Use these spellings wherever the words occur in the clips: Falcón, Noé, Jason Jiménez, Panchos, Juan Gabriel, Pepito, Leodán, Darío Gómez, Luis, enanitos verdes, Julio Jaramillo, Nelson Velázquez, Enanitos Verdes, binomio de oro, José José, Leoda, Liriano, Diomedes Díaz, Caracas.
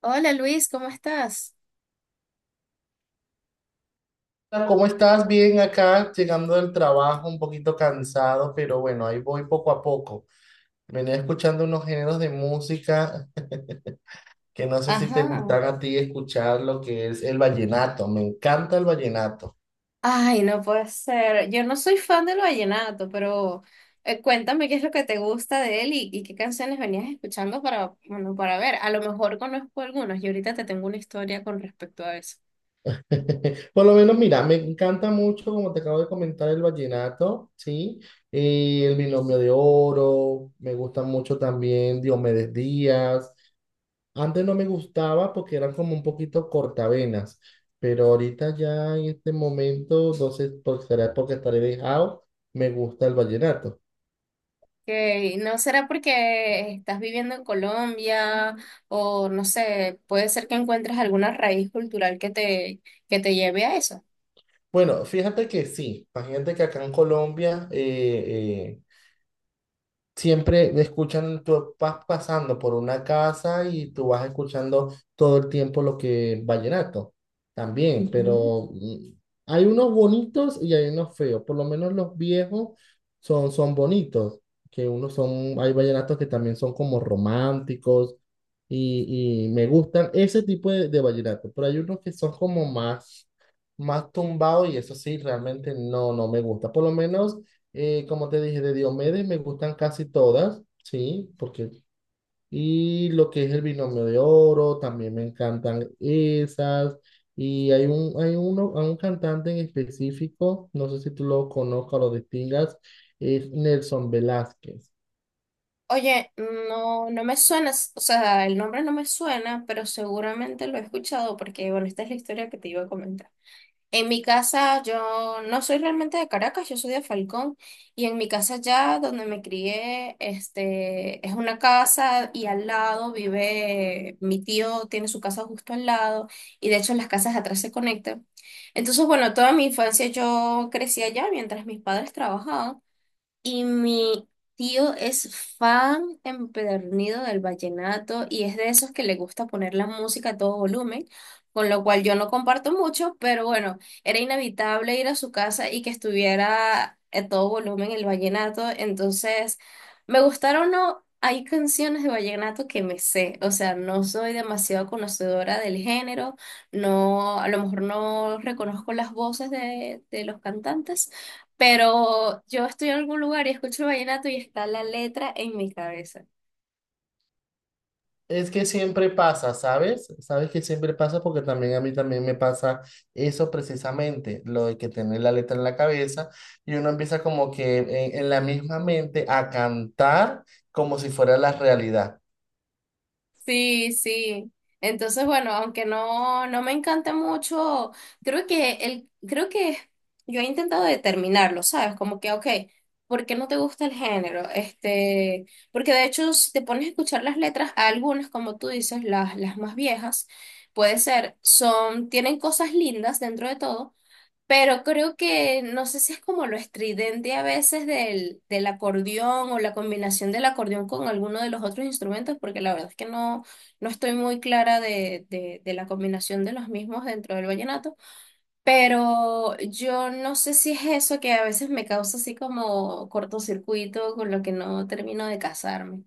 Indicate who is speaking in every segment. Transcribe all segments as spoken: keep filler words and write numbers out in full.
Speaker 1: Hola Luis, ¿cómo estás?
Speaker 2: Hola, ¿cómo estás? Bien acá, llegando del trabajo, un poquito cansado, pero bueno, ahí voy poco a poco. Venía escuchando unos géneros de música que no sé si te
Speaker 1: Ajá.
Speaker 2: gustan a ti escuchar lo que es el vallenato. Me encanta el vallenato.
Speaker 1: Ay, no puede ser. Yo no soy fan del vallenato, pero eh, cuéntame qué es lo que te gusta de él y, y qué canciones venías escuchando para, bueno, para ver. A lo mejor conozco algunos y ahorita te tengo una historia con respecto a eso.
Speaker 2: Por lo menos, mira, me encanta mucho, como te acabo de comentar, el vallenato, ¿sí? Eh, el binomio de oro, me gusta mucho también Diomedes Díaz. Antes no me gustaba porque eran como un poquito cortavenas, pero ahorita ya en este momento, no sé, por, será porque estaré dejado, me gusta el vallenato.
Speaker 1: Que no será porque estás viviendo en Colombia o no sé, puede ser que encuentres alguna raíz cultural que te, que te lleve a eso.
Speaker 2: Bueno, fíjate que sí, imagínate que acá en Colombia, eh, eh, siempre escuchan, tú vas pasando por una casa y tú vas escuchando todo el tiempo lo que vallenato también, pero mm, hay unos bonitos y hay unos feos. Por lo menos los viejos son, son bonitos, que unos son, hay vallenatos que también son como románticos y, y me gustan ese tipo de, de vallenato, pero hay unos que son como más, más tumbados y eso sí, realmente no, no me gusta, por lo menos. Eh, como te dije, de Diomedes me gustan casi todas, sí, porque... Y lo que es el binomio de oro, también me encantan esas. Y hay un, hay uno, hay un cantante en específico, no sé si tú lo conozcas o lo distingas, es Nelson Velázquez.
Speaker 1: Oye, no, no me suena, s- o sea, el nombre no me suena, pero seguramente lo he escuchado porque, bueno, esta es la historia que te iba a comentar. En mi casa, yo no soy realmente de Caracas, yo soy de Falcón, y en mi casa ya donde me crié, este, es una casa y al lado vive mi tío, tiene su casa justo al lado, y de hecho las casas atrás se conectan. Entonces, bueno, toda mi infancia yo crecí allá mientras mis padres trabajaban. Y mi tío es fan empedernido del vallenato y es de esos que le gusta poner la música a todo volumen, con lo cual yo no comparto mucho, pero bueno, era inevitable ir a su casa y que estuviera a todo volumen el vallenato. Entonces, me gustaron o no, hay canciones de vallenato que me sé, o sea, no soy demasiado conocedora del género, no, a lo mejor no reconozco las voces de, de los cantantes, pero yo estoy en algún lugar y escucho vallenato y está la letra en mi cabeza.
Speaker 2: Es que siempre pasa, ¿sabes? Sabes que siempre pasa porque también a mí también me pasa eso precisamente, lo de que tener la letra en la cabeza y uno empieza como que en, en la misma mente a cantar como si fuera la realidad.
Speaker 1: Sí, sí. Entonces, bueno, aunque no, no me encanta mucho, creo que el, creo que yo he intentado determinarlo, ¿sabes? Como que, ok, ¿por qué no te gusta el género? Este, porque de hecho, si te pones a escuchar las letras, algunas, como tú dices, las, las más viejas, puede ser, son, tienen cosas lindas dentro de todo. Pero creo que no sé si es como lo estridente a veces del, del acordeón o la combinación del acordeón con alguno de los otros instrumentos, porque la verdad es que no, no estoy muy clara de, de, de la combinación de los mismos dentro del vallenato, pero yo no sé si es eso que a veces me causa así como cortocircuito con lo que no termino de casarme.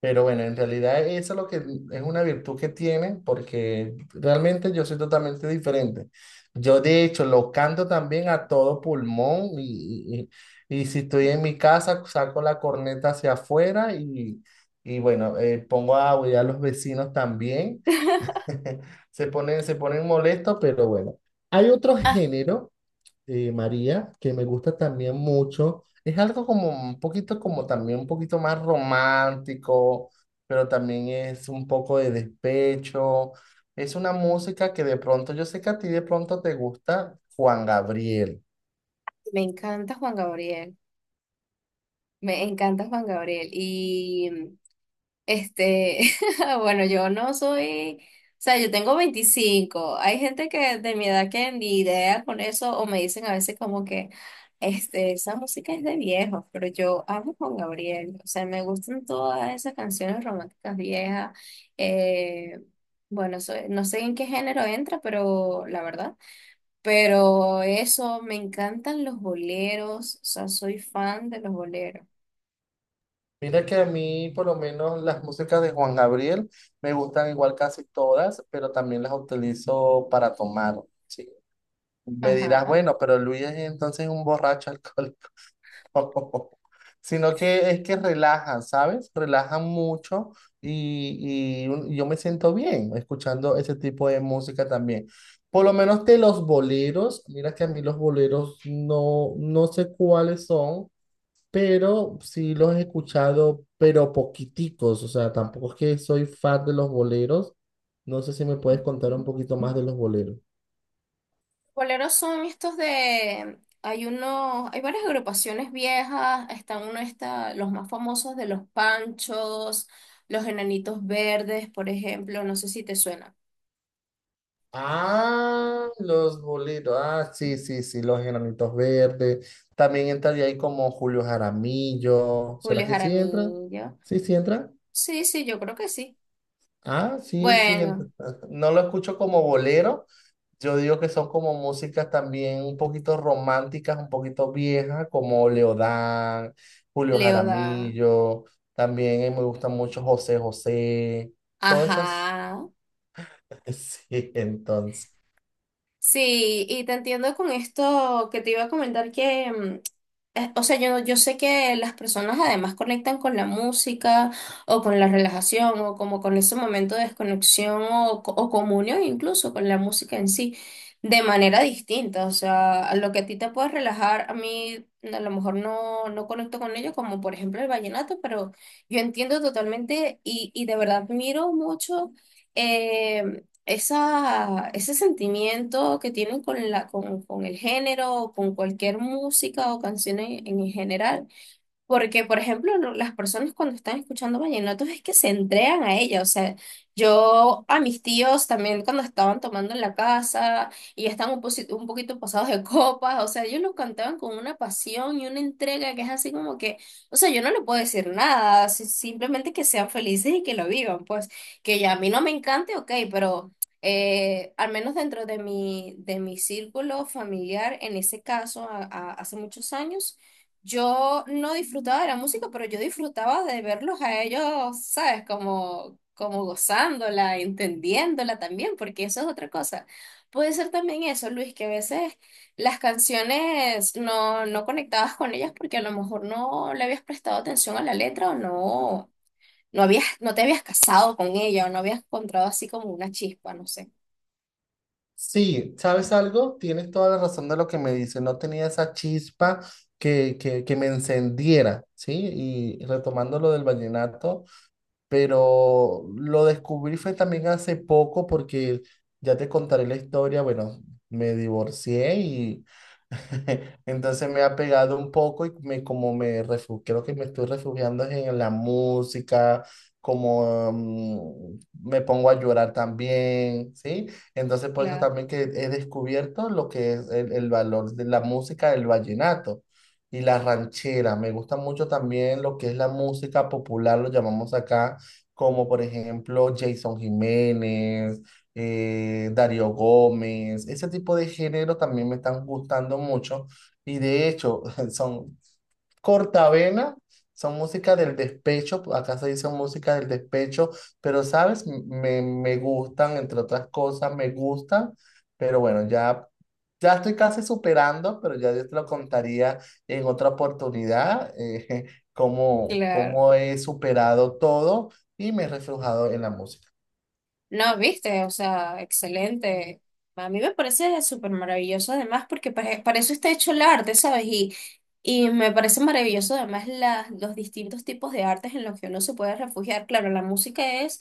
Speaker 2: Pero bueno, en realidad eso es lo que es una virtud que tiene, porque realmente yo soy totalmente diferente. Yo de hecho lo canto también a todo pulmón y, y, y si estoy en mi casa saco la corneta hacia afuera y, y bueno, eh, pongo a aullar a los vecinos también. Se ponen, se ponen molestos, pero bueno. Hay otro
Speaker 1: Ah,
Speaker 2: género eh, María, que me gusta también mucho. Es algo como un poquito, como también un poquito más romántico, pero también es un poco de despecho. Es una música que de pronto, yo sé que a ti de pronto te gusta Juan Gabriel.
Speaker 1: me encanta Juan Gabriel, me encanta Juan Gabriel. Este, bueno, yo no soy, o sea, yo tengo veinticinco. Hay gente que de mi edad que ni idea con eso o me dicen a veces como que, este, esa música es de viejos, pero yo amo Juan Gabriel. O sea, me gustan todas esas canciones románticas viejas. Eh, bueno, soy- no sé en qué género entra, pero la verdad. Pero eso, me encantan los boleros. O sea, soy fan de los boleros.
Speaker 2: Mira que a mí, por lo menos, las músicas de Juan Gabriel me gustan igual casi todas, pero también las utilizo para tomar. Sí. Me dirás,
Speaker 1: Ajá.
Speaker 2: bueno, pero Luis es entonces un borracho alcohólico. Sino que es que relajan, ¿sabes? Relajan mucho y, y un- yo me siento bien escuchando ese tipo de música también. Por lo menos de los boleros, mira que a mí los boleros no, no sé cuáles son, pero sí los he escuchado, pero poquiticos, o sea, tampoco es que soy fan de los boleros. No sé si me puedes contar un poquito más de los boleros.
Speaker 1: Boleros son estos de, hay uno, hay varias agrupaciones viejas, están uno está, los más famosos de los Panchos, los Enanitos Verdes, por ejemplo, no sé si te suena.
Speaker 2: Ah, los bolitos. Ah, sí, sí, sí, los enanitos verdes. También entraría ahí como Julio Jaramillo. ¿Será
Speaker 1: Julio
Speaker 2: que sí entra?
Speaker 1: Jaramillo.
Speaker 2: Sí, sí entra.
Speaker 1: Sí, sí, yo creo que sí.
Speaker 2: Ah, sí, sí entra.
Speaker 1: Bueno,
Speaker 2: No lo escucho como bolero. Yo digo que son como músicas también un poquito románticas, un poquito viejas, como Leodán, Julio
Speaker 1: Leoda.
Speaker 2: Jaramillo. También eh, me gusta mucho José José. Todas esas.
Speaker 1: Ajá.
Speaker 2: Sí, entonces.
Speaker 1: Sí, y te entiendo con esto que te iba a comentar que mm, eh, o sea, yo, yo sé que las personas además conectan con la música o con la relajación o como con ese momento de desconexión o, co- o comunión incluso con la música en sí de manera distinta. O sea, a lo que a ti te puede relajar, a mí a lo mejor no, no conecto con ello, como por ejemplo el vallenato, pero yo entiendo totalmente y, y de verdad admiro mucho eh, esa, ese sentimiento que tienen con la, con, con el género o con cualquier música o canción en, en general. Porque, por ejemplo, lo- las personas cuando están escuchando vallenatos es que se entregan a ella. O sea, yo a mis tíos también cuando estaban tomando en la casa y ya estaban un, posi- un poquito pasados de copas, o sea, ellos lo cantaban con una pasión y una entrega que es así como que, o sea, yo no le puedo decir nada, si- simplemente que sean felices y que lo vivan. Pues que ya a mí no me encante, ok, pero eh, al menos dentro de mi, de mi círculo familiar, en ese caso, a- a- hace muchos años. Yo no disfrutaba de la música, pero yo disfrutaba de verlos a ellos, ¿sabes? Como, como gozándola, entendiéndola también, porque eso es otra cosa. Puede ser también eso, Luis, que a veces las canciones no, no conectabas con ellas porque a lo mejor no le habías prestado atención a la letra o no, no habías, no te habías casado con ella o no habías encontrado así como una chispa, no sé.
Speaker 2: Sí, ¿sabes algo? Tienes toda la razón de lo que me dices. No tenía esa chispa que, que, que me encendiera, ¿sí? Y retomando lo del vallenato, pero lo descubrí fue también hace poco porque ya te contaré la historia. Bueno, me divorcié y entonces me ha pegado un poco y me, como me refugio, creo que me estoy refugiando es en la música, como mm, me pongo a llorar también, ¿sí? Entonces por eso
Speaker 1: Claro,
Speaker 2: también que he descubierto lo que es el, el valor de la música del vallenato. Y la ranchera, me gusta mucho también lo que es la música popular, lo llamamos acá, como por ejemplo Jason Jiménez, eh, Darío Gómez, ese tipo de género también me están gustando mucho y de hecho son cortavena, son música del despecho, acá se dice música del despecho, pero sabes, me, me gustan, entre otras cosas, me gustan, pero bueno, ya ya estoy casi superando, pero ya yo te lo contaría en otra oportunidad, eh, cómo,
Speaker 1: claro.
Speaker 2: cómo he superado todo y me he reflejado en la música.
Speaker 1: No, viste, o sea, excelente. A mí me parece súper maravilloso además porque pa- para eso está hecho el arte, ¿sabes? Y, y me parece maravilloso además las, los distintos tipos de artes en los que uno se puede refugiar. Claro, la música es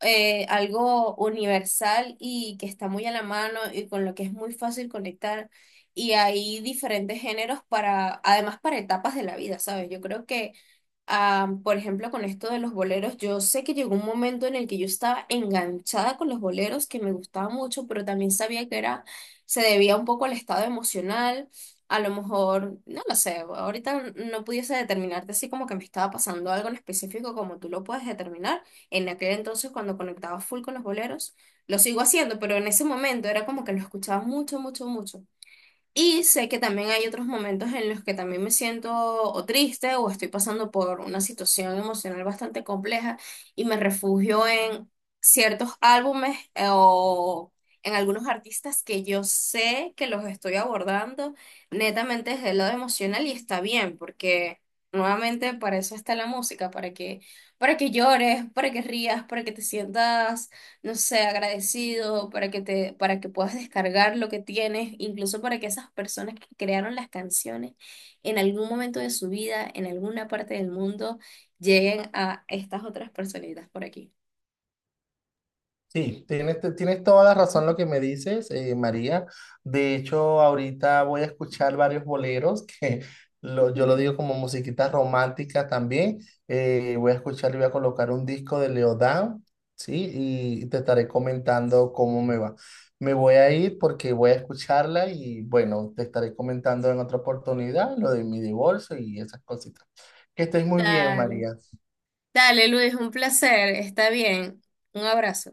Speaker 1: eh, algo universal y que está muy a la mano y con lo que es muy fácil conectar. Y hay diferentes géneros para, además para etapas de la vida, ¿sabes? Yo creo que ah, por ejemplo, con esto de los boleros, yo sé que llegó un momento en el que yo estaba enganchada con los boleros, que me gustaba mucho, pero también sabía que era, se debía un poco al estado emocional. A lo mejor, no lo sé, ahorita no pudiese determinarte así como que me estaba pasando algo en específico como tú lo puedes determinar. En aquel entonces cuando conectaba full con los boleros, lo sigo haciendo, pero en ese momento era como que lo escuchaba mucho, mucho, mucho. Y sé que también hay otros momentos en los que también me siento o triste o estoy pasando por una situación emocional bastante compleja y me refugio en ciertos álbumes, eh, o en algunos artistas que yo sé que los estoy abordando netamente desde el lado emocional y está bien porque nuevamente para eso está la música, para que para que llores, para que rías, para que te sientas, no sé, agradecido, para que te, para que puedas descargar lo que tienes, incluso para que esas personas que crearon las canciones en algún momento de su vida, en alguna parte del mundo, lleguen a estas otras personitas por aquí.
Speaker 2: Sí, tienes, te- tienes toda la razón lo que me dices, eh, María. De hecho, ahorita voy a escuchar varios boleros que lo- yo lo digo como musiquita romántica también. Eh, voy a escuchar y voy a colocar un disco de Leodán, ¿sí? Y te estaré comentando cómo me va. Me voy a ir porque voy a escucharla y bueno, te estaré comentando en otra oportunidad lo de mi divorcio y esas cositas. Que estés muy bien,
Speaker 1: Dale,
Speaker 2: María.
Speaker 1: dale Luis, un placer, está bien. Un abrazo.